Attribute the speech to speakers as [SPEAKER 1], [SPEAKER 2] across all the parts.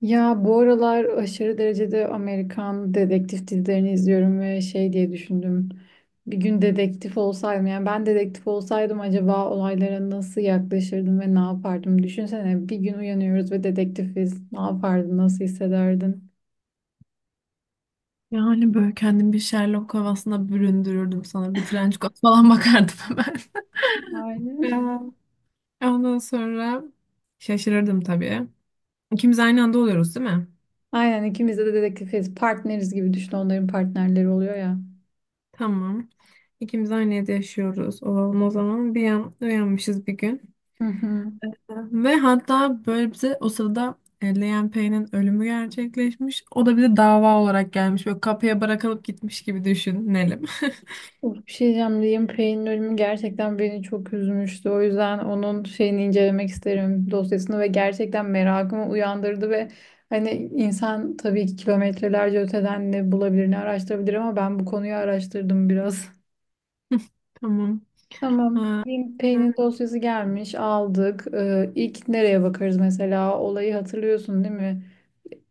[SPEAKER 1] Ya bu aralar aşırı derecede Amerikan dedektif dizilerini izliyorum ve şey diye düşündüm. Bir gün dedektif olsaydım, yani ben dedektif olsaydım acaba olaylara nasıl yaklaşırdım ve ne yapardım? Düşünsene, bir gün uyanıyoruz ve dedektifiz. Ne yapardın? Nasıl hissederdin?
[SPEAKER 2] Yani böyle kendimi bir Sherlock havasına büründürürdüm sana. Bir trenç falan bakardım hemen.
[SPEAKER 1] Aynen.
[SPEAKER 2] Ondan sonra şaşırırdım tabii. İkimiz aynı anda oluyoruz değil mi?
[SPEAKER 1] Aynen, ikimiz de dedektifiz. Partneriz, gibi düşün, onların partnerleri oluyor ya.
[SPEAKER 2] Tamam. İkimiz aynı evde yaşıyoruz. Olalım o zaman. Bir an uyanmışız bir gün.
[SPEAKER 1] Hı hı.
[SPEAKER 2] Ve hatta böyle bize o sırada Leyen Pei'nin ölümü gerçekleşmiş. O da bize dava olarak gelmiş. Böyle kapıya bırakılıp gitmiş gibi düşünelim.
[SPEAKER 1] Of, bir şey diyeceğim. Liam Payne'in ölümü gerçekten beni çok üzmüştü. O yüzden onun şeyini incelemek isterim, dosyasını, ve gerçekten merakımı uyandırdı ve hani insan tabii ki kilometrelerce öteden ne bulabilir ne araştırabilir, ama ben bu konuyu araştırdım biraz.
[SPEAKER 2] Tamam.
[SPEAKER 1] Tamam.
[SPEAKER 2] Ha,
[SPEAKER 1] Liam
[SPEAKER 2] ha.
[SPEAKER 1] Payne'in dosyası gelmiş, aldık. İlk nereye bakarız mesela? Olayı hatırlıyorsun değil mi?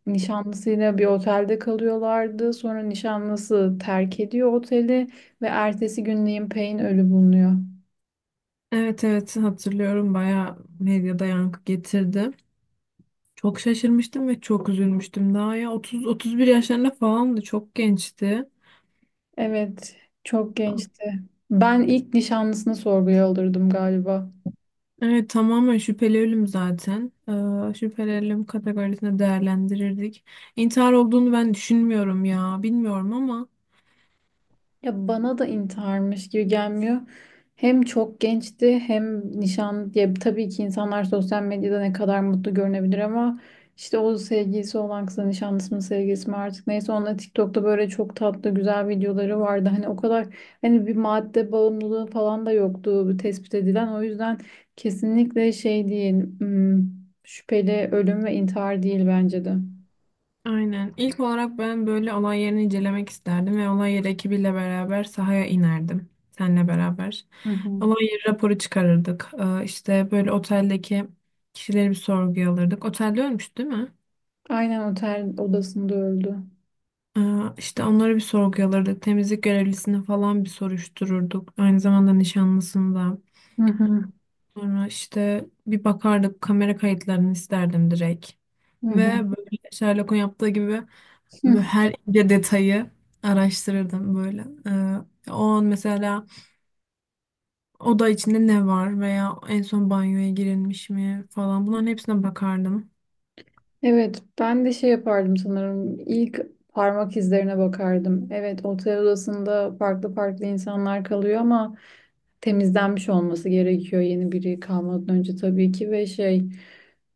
[SPEAKER 1] Nişanlısıyla bir otelde kalıyorlardı. Sonra nişanlısı terk ediyor oteli ve ertesi gün Liam Payne ölü bulunuyor.
[SPEAKER 2] Evet, evet, hatırlıyorum, bayağı medyada yankı getirdi. Çok şaşırmıştım ve çok üzülmüştüm. Daha ya 30, 31 yaşlarında falandı. Çok gençti.
[SPEAKER 1] Evet, çok gençti. Ben ilk nişanlısını sorguya alırdım galiba.
[SPEAKER 2] Evet, tamamen şüpheli ölüm zaten. Şüpheli ölüm kategorisine değerlendirirdik. İntihar olduğunu ben düşünmüyorum ya. Bilmiyorum ama.
[SPEAKER 1] Ya bana da intiharmış gibi gelmiyor. Hem çok gençti hem nişan diye, tabii ki insanlar sosyal medyada ne kadar mutlu görünebilir ama işte o sevgilisi olan kızın nişanlısı mı sevgilisi mi artık neyse, onunla TikTok'ta böyle çok tatlı güzel videoları vardı. Hani o kadar, hani bir madde bağımlılığı falan da yoktu tespit edilen. O yüzden kesinlikle şey değil, hmm, şüpheli ölüm ve intihar değil bence de.
[SPEAKER 2] Aynen. İlk olarak ben böyle olay yerini incelemek isterdim ve olay yeri ekibiyle beraber sahaya inerdim. Seninle beraber.
[SPEAKER 1] Hı hı.
[SPEAKER 2] Olay yeri raporu çıkarırdık. İşte böyle oteldeki kişileri bir sorguya alırdık. Otelde ölmüş değil mi?
[SPEAKER 1] Aynen, otel odasında öldü.
[SPEAKER 2] Ee, işte onları bir sorguya alırdık. Temizlik görevlisini falan bir soruştururduk. Aynı zamanda nişanlısını da.
[SPEAKER 1] Hı hı.
[SPEAKER 2] Sonra işte bir bakardık, kamera kayıtlarını isterdim direkt. Ve
[SPEAKER 1] Hı
[SPEAKER 2] böyle Sherlock'un yaptığı gibi böyle
[SPEAKER 1] hı.
[SPEAKER 2] her ince detayı araştırırdım böyle. O an mesela oda içinde ne var veya en son banyoya girilmiş mi falan, bunların hepsine bakardım.
[SPEAKER 1] Evet, ben de şey yapardım sanırım. İlk parmak izlerine bakardım. Evet, otel odasında farklı farklı insanlar kalıyor ama temizlenmiş olması gerekiyor yeni biri kalmadan önce, tabii ki, ve şey,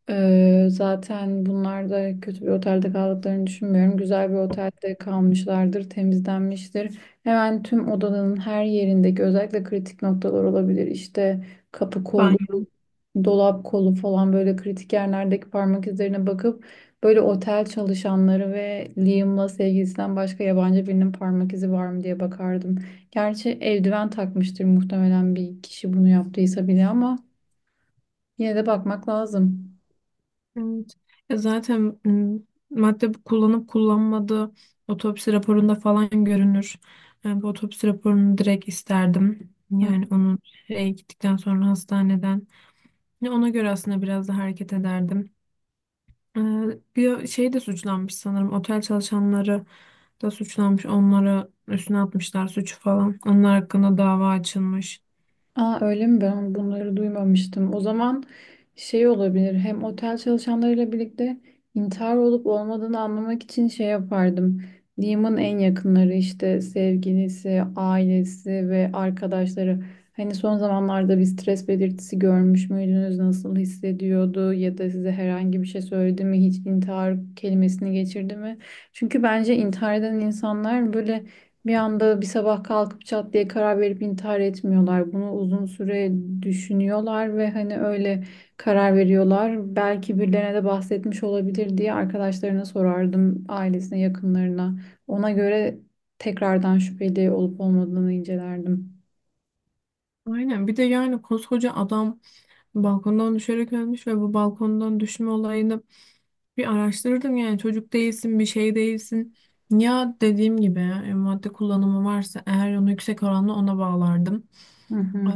[SPEAKER 1] zaten bunlar da kötü bir otelde kaldıklarını düşünmüyorum. Güzel bir otelde kalmışlardır, temizlenmiştir. Hemen tüm odanın her yerindeki özellikle kritik noktalar olabilir. İşte kapı kolu,
[SPEAKER 2] Banyo.
[SPEAKER 1] dolap kolu falan, böyle kritik yerlerdeki parmak izlerine bakıp böyle otel çalışanları ve Liam'la sevgilisinden başka yabancı birinin parmak izi var mı diye bakardım. Gerçi eldiven takmıştır muhtemelen, bir kişi bunu yaptıysa bile, ama yine de bakmak lazım.
[SPEAKER 2] Evet. Ya zaten madde kullanıp kullanmadığı otopsi raporunda falan görünür. Yani bu otopsi raporunu direkt isterdim.
[SPEAKER 1] Hı.
[SPEAKER 2] Yani onun şeye gittikten sonra hastaneden. Ya ona göre aslında biraz da hareket ederdim. Ee, bir şey de suçlanmış sanırım. Otel çalışanları da suçlanmış. Onlara üstüne atmışlar suçu falan. Onlar hakkında dava açılmış.
[SPEAKER 1] Aa, öyle mi? Ben bunları duymamıştım. O zaman şey olabilir. Hem otel çalışanlarıyla birlikte intihar olup olmadığını anlamak için şey yapardım. Liam'ın en yakınları, işte sevgilisi, ailesi ve arkadaşları. Hani son zamanlarda bir stres belirtisi görmüş müydünüz? Nasıl hissediyordu? Ya da size herhangi bir şey söyledi mi? Hiç intihar kelimesini geçirdi mi? Çünkü bence intihar eden insanlar böyle bir anda, bir sabah kalkıp çat diye karar verip intihar etmiyorlar. Bunu uzun süre düşünüyorlar ve hani öyle karar veriyorlar. Belki birilerine de bahsetmiş olabilir diye arkadaşlarına sorardım, ailesine, yakınlarına. Ona göre tekrardan şüpheli olup olmadığını incelerdim.
[SPEAKER 2] Aynen. Bir de yani koskoca adam balkondan düşerek ölmüş ve bu balkondan düşme olayını bir araştırırdım. Yani çocuk değilsin, bir şey değilsin. Ya dediğim gibi, madde kullanımı varsa eğer, onu yüksek oranla ona bağlardım.
[SPEAKER 1] Hı
[SPEAKER 2] Ee,
[SPEAKER 1] hı.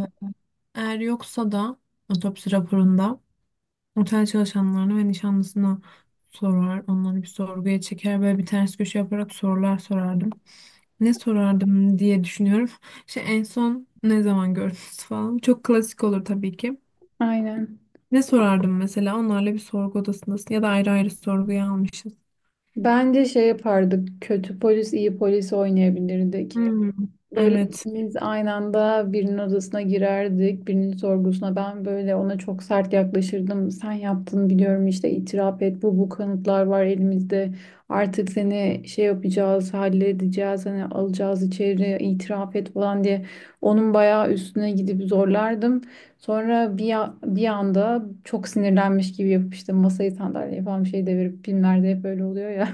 [SPEAKER 2] Eğer yoksa da otopsi raporunda otel çalışanlarına ve nişanlısına sorar. Onları bir sorguya çeker. Böyle bir ters köşe yaparak sorular sorardım. Ne sorardım diye düşünüyorum. İşte en son ne zaman gördünüz falan. Çok klasik olur tabii ki.
[SPEAKER 1] Aynen.
[SPEAKER 2] Ne sorardım mesela? Onlarla bir sorgu odasındasın ya da ayrı ayrı sorguya almışız.
[SPEAKER 1] Bence şey yapardık. Kötü polis, iyi polis oynayabilirdik.
[SPEAKER 2] Hmm.
[SPEAKER 1] Böyle
[SPEAKER 2] Evet.
[SPEAKER 1] ikimiz aynı anda birinin odasına girerdik, birinin sorgusuna. Ben böyle ona çok sert yaklaşırdım. Sen yaptın biliyorum, işte itiraf et. Bu kanıtlar var elimizde. Artık seni şey yapacağız, halledeceğiz. Hani alacağız içeri, itiraf et falan diye. Onun bayağı üstüne gidip zorlardım. Sonra bir anda çok sinirlenmiş gibi yapıp işte masayı, sandalyeyi falan bir şey devirip, filmlerde hep böyle oluyor ya,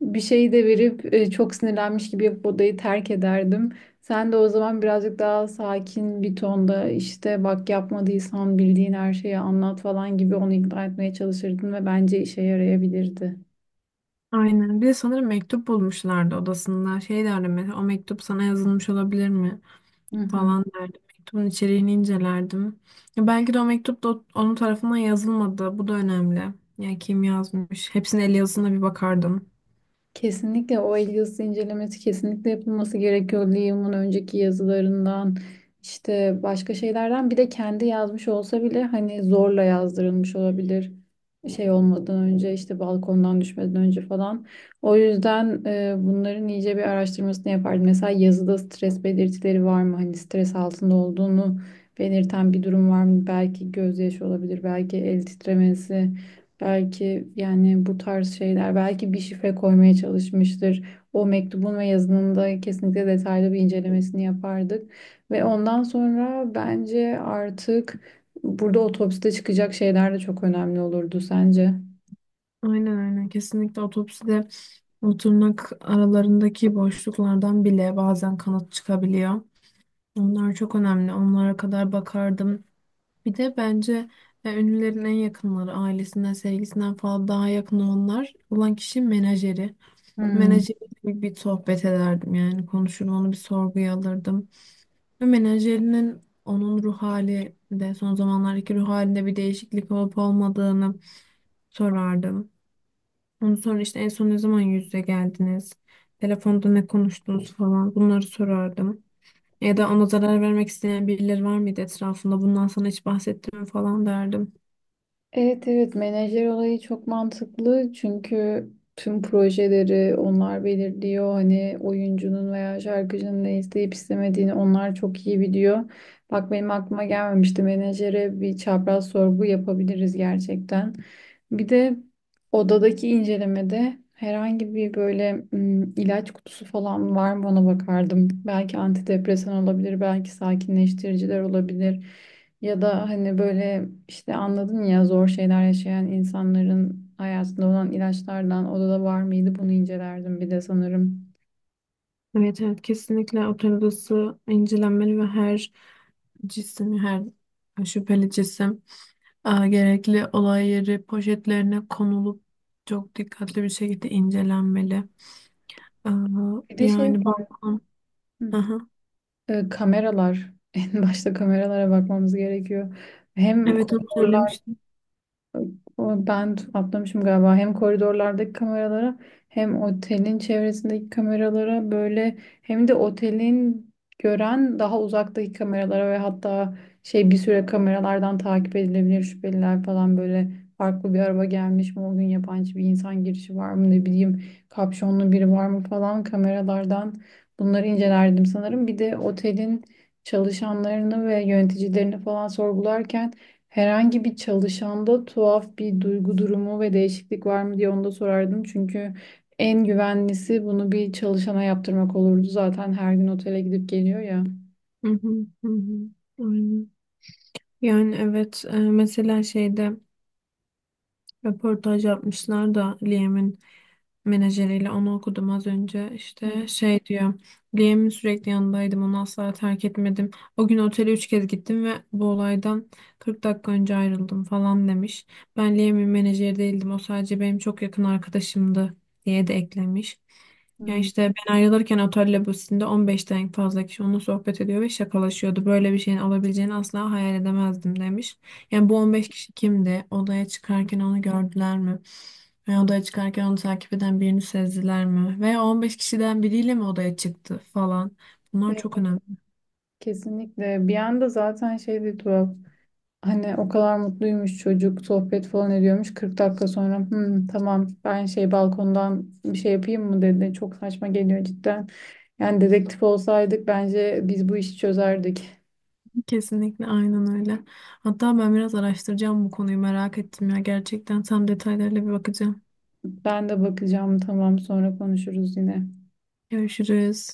[SPEAKER 1] bir şey de verip, çok sinirlenmiş gibi yapıp odayı terk ederdim. Sen de o zaman birazcık daha sakin bir tonda, işte bak yapmadıysan bildiğin her şeyi anlat falan gibi, onu ikna etmeye çalışırdın ve bence işe yarayabilirdi.
[SPEAKER 2] Aynen. Bir de sanırım mektup bulmuşlardı odasında. Şey derdim mesela, o mektup sana yazılmış olabilir mi
[SPEAKER 1] Hı hı.
[SPEAKER 2] falan derdim. Mektubun içeriğini incelerdim. Ya belki de o mektup da onun tarafından yazılmadı. Bu da önemli. Yani kim yazmış? Hepsinin el yazısına bir bakardım.
[SPEAKER 1] Kesinlikle o el yazısı incelemesi kesinlikle yapılması gerekiyor. Liam'ın önceki yazılarından, işte başka şeylerden, bir de kendi yazmış olsa bile hani zorla yazdırılmış olabilir. Şey olmadan önce, işte balkondan düşmeden önce falan. O yüzden bunların iyice bir araştırmasını yapardım. Mesela yazıda stres belirtileri var mı? Hani stres altında olduğunu belirten bir durum var mı? Belki gözyaşı olabilir, belki el titremesi. Belki yani bu tarz şeyler, belki bir şifre koymaya çalışmıştır. O mektubun ve yazının da kesinlikle detaylı bir incelemesini yapardık. Ve ondan sonra bence artık burada otopside çıkacak şeyler de çok önemli olurdu, sence?
[SPEAKER 2] Aynen, aynen. Kesinlikle otopside, o tırnak aralarındaki boşluklardan bile bazen kanıt çıkabiliyor. Onlar çok önemli. Onlara kadar bakardım. Bir de bence ünlülerin en yakınları, ailesinden, sevgisinden falan daha yakın olanlar olan kişi menajeri.
[SPEAKER 1] Hmm.
[SPEAKER 2] Menajeriyle bir sohbet ederdim, yani konuşur, onu bir sorguya alırdım. Ve menajerinin onun ruh hali de, son zamanlardaki ruh halinde bir değişiklik olup olmadığını sorardım. Ondan sonra işte, en son ne zaman yüz yüze geldiniz? Telefonda ne konuştunuz falan, bunları sorardım. Ya da ona zarar vermek isteyen birileri var mıydı etrafında? Bundan sana hiç bahsettim mi falan derdim.
[SPEAKER 1] Evet, evet, menajer olayı çok mantıklı çünkü tüm projeleri onlar belirliyor. Hani oyuncunun veya şarkıcının ne isteyip istemediğini onlar çok iyi biliyor. Bak benim aklıma gelmemişti, menajere bir çapraz sorgu yapabiliriz gerçekten. Bir de odadaki incelemede herhangi bir böyle ilaç kutusu falan var mı ona bakardım. Belki antidepresan olabilir, belki sakinleştiriciler olabilir. Ya da hani böyle işte anladın ya, zor şeyler yaşayan insanların hayatında olan ilaçlardan odada var mıydı, bunu incelerdim bir de sanırım.
[SPEAKER 2] Evet, evet, kesinlikle otel odası incelenmeli ve her cisim, her şüpheli cisim gerekli olay yeri poşetlerine konulup çok dikkatli bir şekilde incelenmeli. E,
[SPEAKER 1] Bir de şey
[SPEAKER 2] yani
[SPEAKER 1] var.
[SPEAKER 2] balkon.
[SPEAKER 1] Hı.
[SPEAKER 2] Aha.
[SPEAKER 1] E, kameralar. En başta kameralara bakmamız gerekiyor. Hem
[SPEAKER 2] Evet, onu
[SPEAKER 1] koridorlar.
[SPEAKER 2] söylemiştim.
[SPEAKER 1] Atlamışım galiba. Hem koridorlardaki kameralara, hem otelin çevresindeki kameralara, böyle hem de otelin gören daha uzaktaki kameralara, ve hatta şey, bir süre kameralardan takip edilebilir şüpheliler falan, böyle farklı bir araba gelmiş mi o gün, yabancı bir insan girişi var mı, ne bileyim kapşonlu biri var mı falan, kameralardan bunları incelerdim sanırım. Bir de otelin çalışanlarını ve yöneticilerini falan sorgularken, herhangi bir çalışanda tuhaf bir duygu durumu ve değişiklik var mı diye onu da sorardım. Çünkü en güvenlisi bunu bir çalışana yaptırmak olurdu. Zaten her gün otele gidip geliyor ya.
[SPEAKER 2] Hı hı, hı hı. Aynen. Yani evet, mesela şeyde röportaj yapmışlar da, Liam'in menajeriyle, onu okudum az önce.
[SPEAKER 1] Hı
[SPEAKER 2] İşte şey diyor: Liam'in sürekli yanındaydım. Onu asla terk etmedim. O gün otele 3 kez gittim ve bu olaydan 40 dakika önce ayrıldım falan demiş. Ben Liam'in menajeri değildim. O sadece benim çok yakın arkadaşımdı diye de eklemiş. Ya
[SPEAKER 1] hı.
[SPEAKER 2] işte, ben ayrılırken otel lobisinde 15'ten fazla kişi onunla sohbet ediyor ve şakalaşıyordu. Böyle bir şeyin olabileceğini asla hayal edemezdim demiş. Yani bu 15 kişi kimdi? Odaya çıkarken onu gördüler mi? Veya odaya çıkarken onu takip eden birini sezdiler mi? Veya 15 kişiden biriyle mi odaya çıktı falan? Bunlar
[SPEAKER 1] Evet,
[SPEAKER 2] çok önemli.
[SPEAKER 1] kesinlikle. Bir anda zaten şey de tuhaf. Hani o kadar mutluymuş çocuk, sohbet falan ediyormuş. 40 dakika sonra, "Hmm, tamam, ben şey balkondan bir şey yapayım mı?" dedi. Çok saçma geliyor cidden. Yani dedektif olsaydık bence biz bu işi çözerdik.
[SPEAKER 2] Kesinlikle, aynen öyle. Hatta ben biraz araştıracağım, bu konuyu merak ettim ya. Gerçekten tam detaylarıyla bir bakacağım.
[SPEAKER 1] Ben de bakacağım. Tamam, sonra konuşuruz yine.
[SPEAKER 2] Görüşürüz.